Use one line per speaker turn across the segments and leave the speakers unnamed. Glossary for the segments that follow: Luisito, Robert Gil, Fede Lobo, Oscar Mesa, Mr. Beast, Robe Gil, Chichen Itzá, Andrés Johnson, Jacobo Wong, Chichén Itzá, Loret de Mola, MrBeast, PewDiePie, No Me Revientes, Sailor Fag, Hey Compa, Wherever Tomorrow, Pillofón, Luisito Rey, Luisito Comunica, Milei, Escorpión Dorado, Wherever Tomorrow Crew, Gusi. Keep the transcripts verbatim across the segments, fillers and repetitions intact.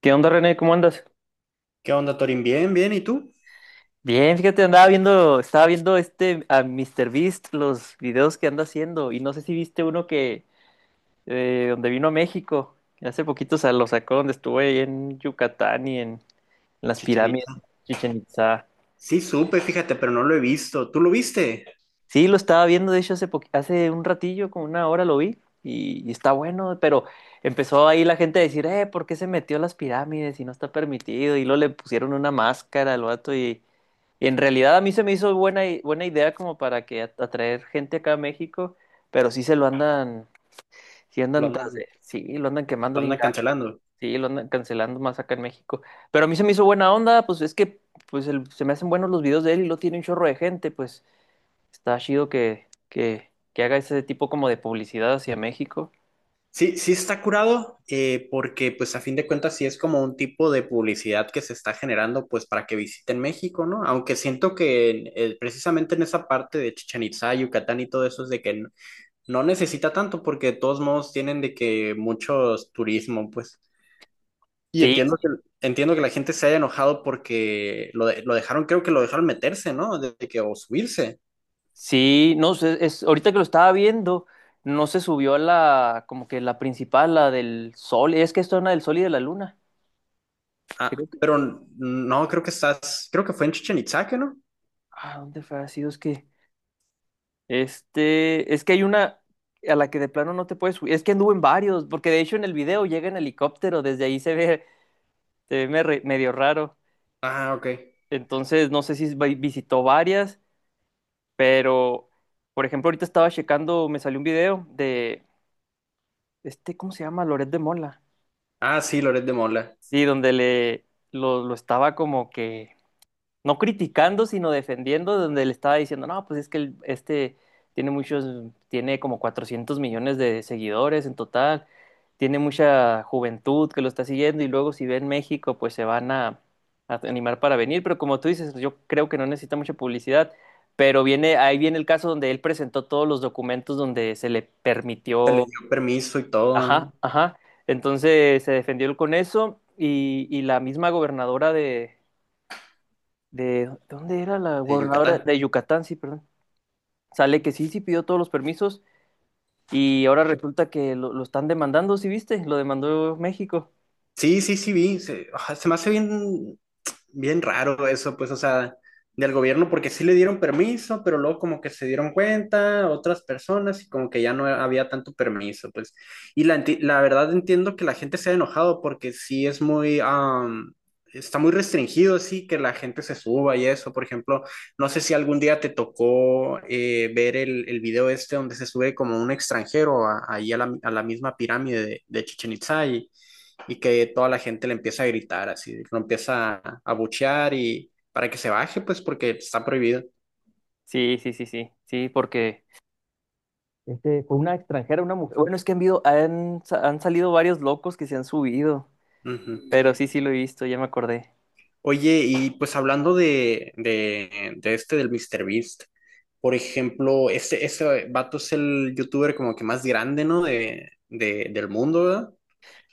¿Qué onda, René? ¿Cómo andas?
¿Qué onda, Torín? Bien, bien, ¿y tú?
Bien, fíjate, andaba viendo, estaba viendo este a míster Beast, los videos que anda haciendo, y no sé si viste uno que eh, donde vino a México, que hace poquito se lo sacó donde estuve ahí en Yucatán y en, en las pirámides,
Chichenita.
Chichen Itzá.
Sí, supe, fíjate, pero no lo he visto. ¿Tú lo viste?
Sí, lo estaba viendo, de hecho, hace, poqu- hace un ratillo, como una hora lo vi, y, y está bueno, pero empezó ahí la gente a decir, eh, ¿por qué se metió a las pirámides y no está permitido? Y luego le pusieron una máscara al vato, y, y en realidad a mí se me hizo buena, i- buena idea como para que at- atraer gente acá a México, pero sí se lo andan, sí
Lo
andan tras
andan,
de, sí, lo andan quemando
lo
bien
andan
gacho, ¿no?
cancelando.
Sí, lo andan cancelando más acá en México, pero a mí se me hizo buena onda, pues es que, pues el- se me hacen buenos los videos de él y lo tiene un chorro de gente, pues. Está chido que, que, que haga ese tipo como de publicidad hacia México.
Sí, sí está curado, eh, porque pues a fin de cuentas sí es como un tipo de publicidad que se está generando pues para que visiten México, ¿no? Aunque siento que en- eh, precisamente en esa parte de Chichén Itzá, Yucatán y todo eso es de que no, no necesita tanto porque de todos modos tienen de que muchos turismo, pues. Y
Sí,
entiendo que, entiendo que la gente se haya enojado porque lo, de- lo dejaron, creo que lo dejaron meterse, ¿no? De de que o subirse.
sí, no sé, es, ahorita que lo estaba viendo, no se subió a la, como que la principal, la del sol, es que esto es una del sol y de la luna.
Ah,
Creo que,
pero no, creo que estás, creo que fue en Chichen Itzá, ¿que ¿no?
ah, ¿dónde fue? Ha sido, es que, este, es que hay una a la que de plano no te puedes subir, es que anduvo en varios, porque de hecho en el video llega en helicóptero, desde ahí se ve, se ve me- medio raro.
Ah, ok.
Entonces, no sé si vi- visitó varias. Pero, por ejemplo, ahorita estaba checando, me salió un video de este, ¿cómo se llama? Loret de Mola.
Ah, sí, Loret de Mola.
Sí, donde le lo, lo estaba como que no criticando, sino defendiendo, donde le estaba diciendo, no, pues es que el- este tiene muchos, tiene como cuatrocientos millones de seguidores en total, tiene mucha juventud que lo está siguiendo y luego si ven México, pues se van a, a animar para venir, pero como tú dices, yo creo que no necesita mucha publicidad, pero viene, ahí viene el caso donde él presentó todos los documentos donde se le
Se le
permitió,
dio permiso y todo, ¿no?
ajá, ajá, entonces se defendió él con eso, y, y la misma gobernadora de de ¿dónde era la
De
gobernadora?
Yucatán.
De Yucatán, sí, perdón. Sale que sí, sí pidió todos los permisos y ahora resulta que lo, lo están demandando, ¿sí viste? Lo demandó México.
Sí, sí, sí, vi. Se, ah, se me hace bien, bien raro eso, pues, o sea, del gobierno, porque sí le dieron permiso, pero luego como que se dieron cuenta otras personas y como que ya no había tanto permiso, pues. Y la, enti- la verdad entiendo que la gente se ha enojado porque sí es muy, am, está muy restringido, sí, que la gente se suba y eso. Por ejemplo, no sé si algún día te tocó eh, ver el, el video este donde se sube como un extranjero a- ahí a la, a la misma pirámide de, de Chichén Itzá y y que toda la gente le empieza a gritar, así, lo empieza a, abuchear y para que se baje, pues porque está prohibido.
Sí, sí, sí, sí, sí, porque, Este, fue una extranjera, una mujer. Bueno, es que han, habido- han, sa- han salido varios locos que se han subido,
Ujú.
pero sí, sí lo he visto, ya me acordé.
Oye, y pues hablando de, de, de este del míster Beast, por ejemplo, ese, ese vato es el youtuber como que más grande, ¿no? De, de- del mundo, ¿verdad?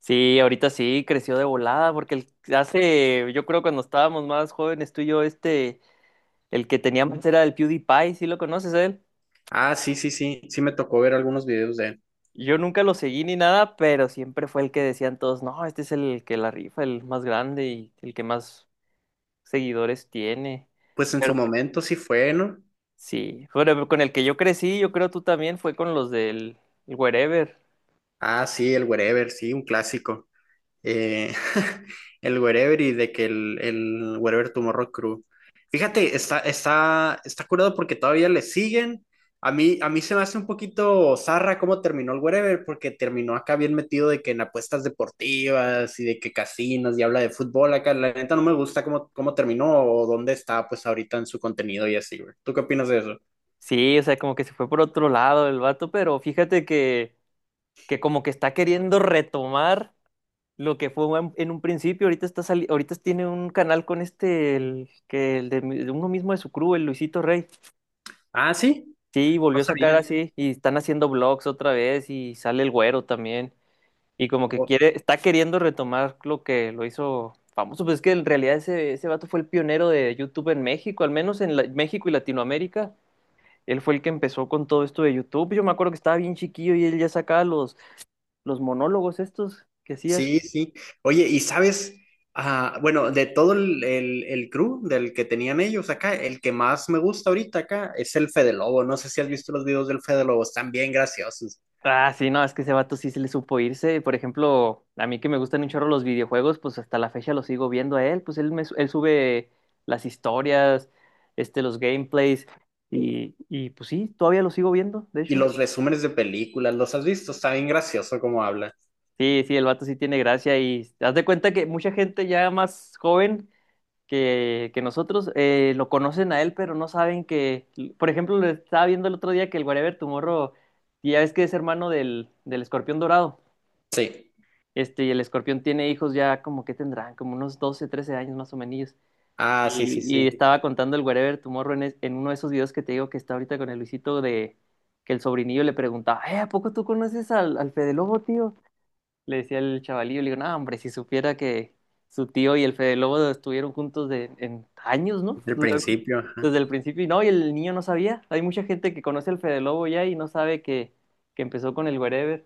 Sí, ahorita sí, creció de volada, porque el- hace, yo creo cuando estábamos más jóvenes tú y yo, este, el que teníamos era el PewDiePie, ¿sí lo conoces a él?
Ah, sí, sí, sí, sí me tocó ver algunos videos de él.
Yo nunca lo seguí ni nada, pero siempre fue el que decían todos, no, este es el que la rifa, el más grande y el que más seguidores tiene.
Pues en
Pero
su momento sí fue, ¿no?
sí, bueno, con el que yo crecí, yo creo tú también, fue con los del Wherever.
Ah, sí, el Wherever, sí, un clásico. eh, el Wherever y de que el, el Wherever Tomorrow Crew. Fíjate, está, está, está curado porque todavía le siguen. A mí, a mí se me hace un poquito zarra cómo terminó el Wherever, porque terminó acá bien metido de que en apuestas deportivas y de que casinos y habla de fútbol acá. La neta no me gusta cómo, cómo terminó o dónde está pues ahorita en su contenido y así, güey. ¿Tú qué opinas de eso?
Sí, o sea, como que se fue por otro lado el vato, pero fíjate que, que como que está queriendo retomar lo que fue en en un principio. Ahorita está sali- ahorita tiene un canal con este, el, que el de, mi- de uno mismo de su crew, el Luisito Rey.
Ah, sí,
Sí, volvió a
pasa
sacar
bien.
así y están haciendo vlogs otra vez y sale el güero también y como que quiere, está queriendo retomar lo que lo hizo famoso, pues es que en realidad ese, ese vato fue el pionero de YouTube en México, al menos en la- México y Latinoamérica, él fue el que empezó con todo esto de YouTube, yo me acuerdo que estaba bien chiquillo y él ya sacaba los, los monólogos estos que hacía.
Sí, sí. Oye, y sabes, ah, bueno, de todo el, el, el crew del que tenían ellos acá, el que más me gusta ahorita acá es el Fede Lobo. No sé si has visto los videos del Fede Lobo, están bien graciosos.
Ah, sí, no, es que ese vato sí se le supo irse. Por ejemplo, a mí que me gustan un chorro los videojuegos, pues hasta la fecha lo sigo viendo a él. Pues él, me, su- él sube las historias, este, los gameplays, y, y pues sí, todavía lo sigo viendo, de
Y
hecho.
los resúmenes de películas, ¿los has visto? Está bien gracioso como habla.
Sí, sí, el vato sí tiene gracia y haz de cuenta que mucha gente ya más joven que, que nosotros eh, lo conocen a él, pero no saben que, por ejemplo, lo estaba viendo el otro día que el Wherever Tomorrow, y ya ves que es hermano del, del Escorpión Dorado.
Sí.
Este, y el escorpión tiene hijos ya como que tendrán, como unos doce, trece años más o menos.
Ah, sí,
Y,
sí,
y
sí.
estaba contando el Wherever Tomorrow en, es- en uno de esos videos que te digo que está ahorita con el Luisito de que el sobrinillo le preguntaba, eh, ¿a poco tú conoces al, al Fede Lobo, tío? Le decía el chavalillo, le digo, no, hombre, si supiera que su tío y el Fede Lobo estuvieron juntos de, en años, ¿no?
Del
Duraron
principio.
desde el principio y no, y el niño no sabía. Hay mucha gente que conoce al Fede Lobo ya y no sabe que, que empezó con el Wherever.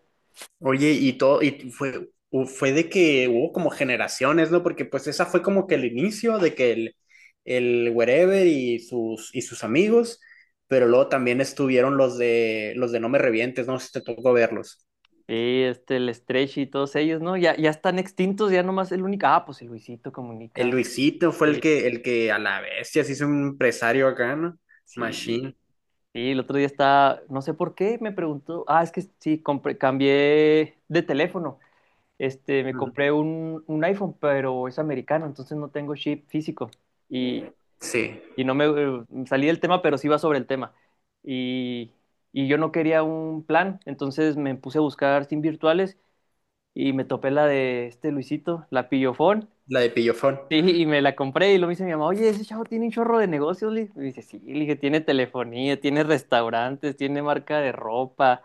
Oye, y todo, y fue, u- fue de que hubo como generaciones, ¿no? Porque pues esa fue como que el inicio de que el, el Wherever y sus, y sus amigos, pero luego también estuvieron los de, los de No Me Revientes, no sé si te tocó verlos.
Sí, este, el Stretch y todos ellos, ¿no? Ya, ya están extintos, ya nomás el único. Ah, pues el Luisito
El
Comunica.
Luisito fue el
Eh,
que, el que a la bestia se hizo un empresario acá, ¿no?
sí,
Machine.
sí, el otro día está, no sé por qué, me preguntó. Ah, es que sí, compré, cambié de teléfono. Este, me
Ujú.
compré un, un iPhone, pero es americano, entonces no tengo chip físico. Y,
Sí,
y no me eh, salí del tema, pero sí va sobre el tema. Y, y yo no quería un plan, entonces me puse a buscar SIM virtuales y me topé la de este Luisito, la Pillofón.
la de Pillofón.
Sí, y me la compré y lo me dice mi mamá, oye, ese chavo tiene un chorro de negocios. Le dije, y dice, sí, le dije, tiene telefonía, tiene restaurantes, tiene marca de ropa,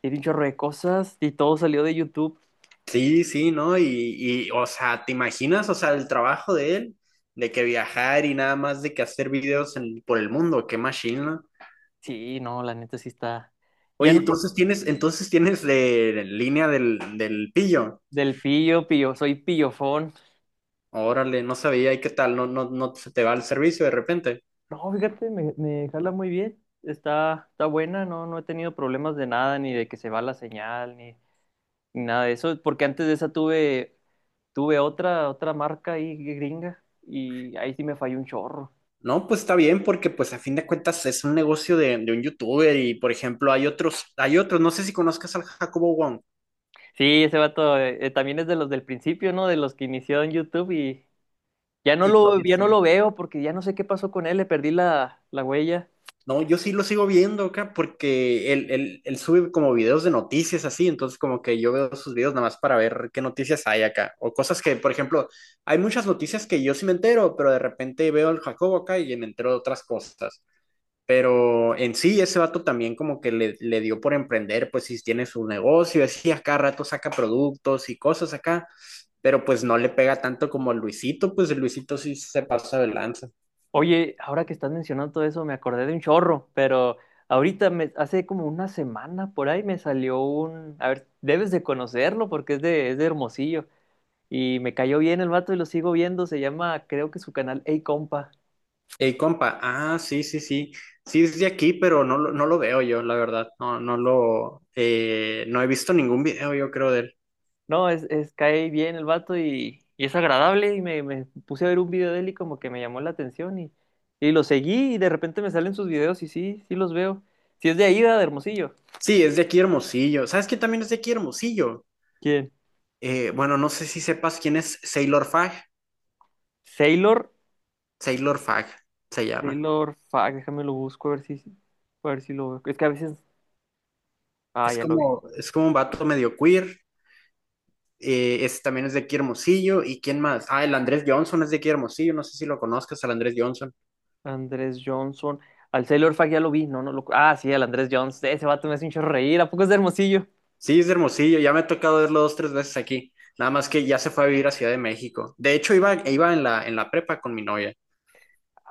tiene un chorro de cosas y todo salió de YouTube.
Sí, sí, ¿no? Y, y, o sea, ¿te imaginas, o sea, el trabajo de él, de que viajar y nada más de que hacer videos en- por el mundo, qué machine, ¿no?
Sí, no, la neta sí está. Ya
Oye,
no,
entonces tienes, entonces tienes de, línea del, del pillo.
del pillo, pillo, soy pillofón.
Órale, no sabía, ¿y qué tal? No, no, no se te va el servicio de repente.
No, fíjate, me, me jala muy bien. Está, está buena, no, no he tenido problemas de nada, ni de que se va la señal, ni, ni nada de eso, porque antes de esa tuve, tuve otra, otra marca ahí gringa y ahí sí me falló un chorro.
No, pues está bien, porque pues a fin de cuentas es un negocio de, de un youtuber y, por ejemplo, hay otros, hay otros, no sé si conozcas al Jacobo Wong.
Sí, ese vato eh, eh, también es de los del principio, ¿no? De los que inició en YouTube y ya no
Y
lo,
todavía
ya no lo
sí.
veo porque ya no sé qué pasó con él, le perdí la, la huella.
No, yo sí lo sigo viendo acá porque él, él, él sube como videos de noticias así, entonces como que yo veo sus videos nada más para ver qué noticias hay acá, o cosas que, por ejemplo, hay muchas noticias que yo sí me entero, pero de repente veo al Jacobo acá y me entero de otras cosas, pero en sí ese vato también como que le, le dio por emprender, pues si tiene su negocio, así acá rato saca productos y cosas acá, pero pues no le pega tanto como el Luisito, pues el Luisito sí se pasa de lanza.
Oye, ahora que estás mencionando todo eso, me acordé de un chorro, pero ahorita me, hace como una semana por ahí me salió un, a ver, debes de conocerlo porque es de, es de Hermosillo y me cayó bien el vato y lo sigo viendo, se llama, creo que su canal Hey Compa.
Ey, compa, ah, sí, sí, sí, sí es de aquí, pero no, lo- no lo veo yo, la verdad, no, no lo, eh, no he visto ningún video, yo creo, de él.
No, es, es cae bien el vato y, y es agradable y me, me puse a ver un video de él y como que me llamó la atención y, y lo seguí y de repente me salen sus videos y sí, sí los veo. Si es de ahí, ¿verdad? De Hermosillo.
Sí, es de aquí Hermosillo, ¿sabes quién también es de aquí Hermosillo?
¿Quién?
Eh, bueno, no sé si sepas quién es Sailor Fag,
Sailor,
Sailor Fag se llama,
Sailor, fuck, déjame lo busco a ver si, a ver si lo veo. Es que a veces, ah,
es
ya lo vi.
como, es como un vato medio queer, eh, ese también es de aquí Hermosillo, ¿y quién más? Ah, el Andrés Johnson es de aquí Hermosillo, no sé si lo conozcas, al Andrés Johnson.
Andrés Johnson, al Sailor Fag ya lo vi, no, no lo, ah, sí, al Andrés Johnson, ese vato me hace un chorro reír, ¿a poco es de Hermosillo?
Sí, es de Hermosillo, ya me ha tocado verlo dos, tres veces aquí. Nada más que ya se fue a vivir a Ciudad de México. De hecho, iba, e iba en la, en la prepa con mi novia.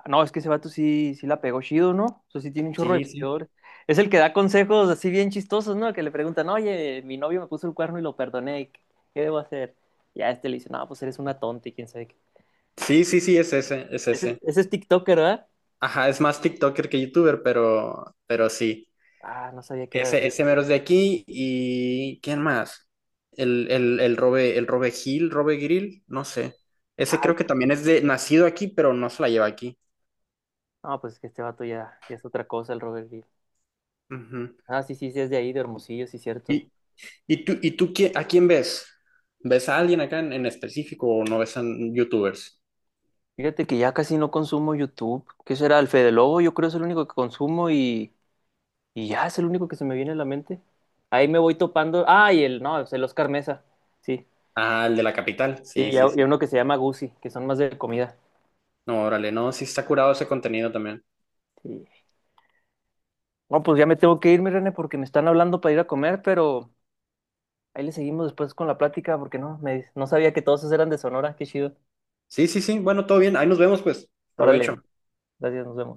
No, es que ese vato sí, sí la pegó chido, ¿no? O sea, sí tiene un chorro de
Sí, sí.
seguidores. Es el que da consejos así bien chistosos, ¿no? Que le preguntan, oye, mi novio me puso el cuerno y lo perdoné, ¿qué qué debo hacer? Y a este le dice, no, pues eres una tonta y quién sabe qué.
Sí, sí, sí, es ese, es
Ese,
ese.
ese es TikToker, ¿verdad?
Ajá, es más TikToker que YouTuber, pero, pero sí.
Ah, no sabía que era de
Ese, ese
ahí.
mero es de aquí. ¿Y quién más? El, el, el Robe, el Robe Gil, Robe Grill, no sé. Ese
Ah,
creo que también es de nacido aquí, pero no se la lleva aquí.
no, pues es que este vato ya, ya es otra cosa, el Robert Gil.
Ujú.
Ah, sí, sí, sí, es de ahí, de Hermosillo, sí, cierto.
Y, ¿y tú, y tú qui- a quién ves? ¿Ves a alguien acá en, en específico o no ves a youtubers?
Fíjate que ya casi no consumo YouTube. ¿Qué será? El Fede Lobo, yo creo es el único que consumo. Y Y ya es el único que se me viene a la mente. Ahí me voy topando. Ah, y el, no, es el Oscar Mesa. Sí.
Ah, el de la capital.
Sí,
Sí,
y,
sí,
a-
sí.
y a uno que se llama Gusi, que son más de comida.
No, órale, no, sí está curado ese contenido también.
Sí. No, pues ya me tengo que irme, René, porque me están hablando para ir a comer, pero ahí le seguimos después con la plática, porque no, me, no sabía que todos esos eran de Sonora. Qué chido.
Sí, sí, sí. Bueno, todo bien. Ahí nos vemos, pues. Provecho.
Órale, gracias, nos vemos.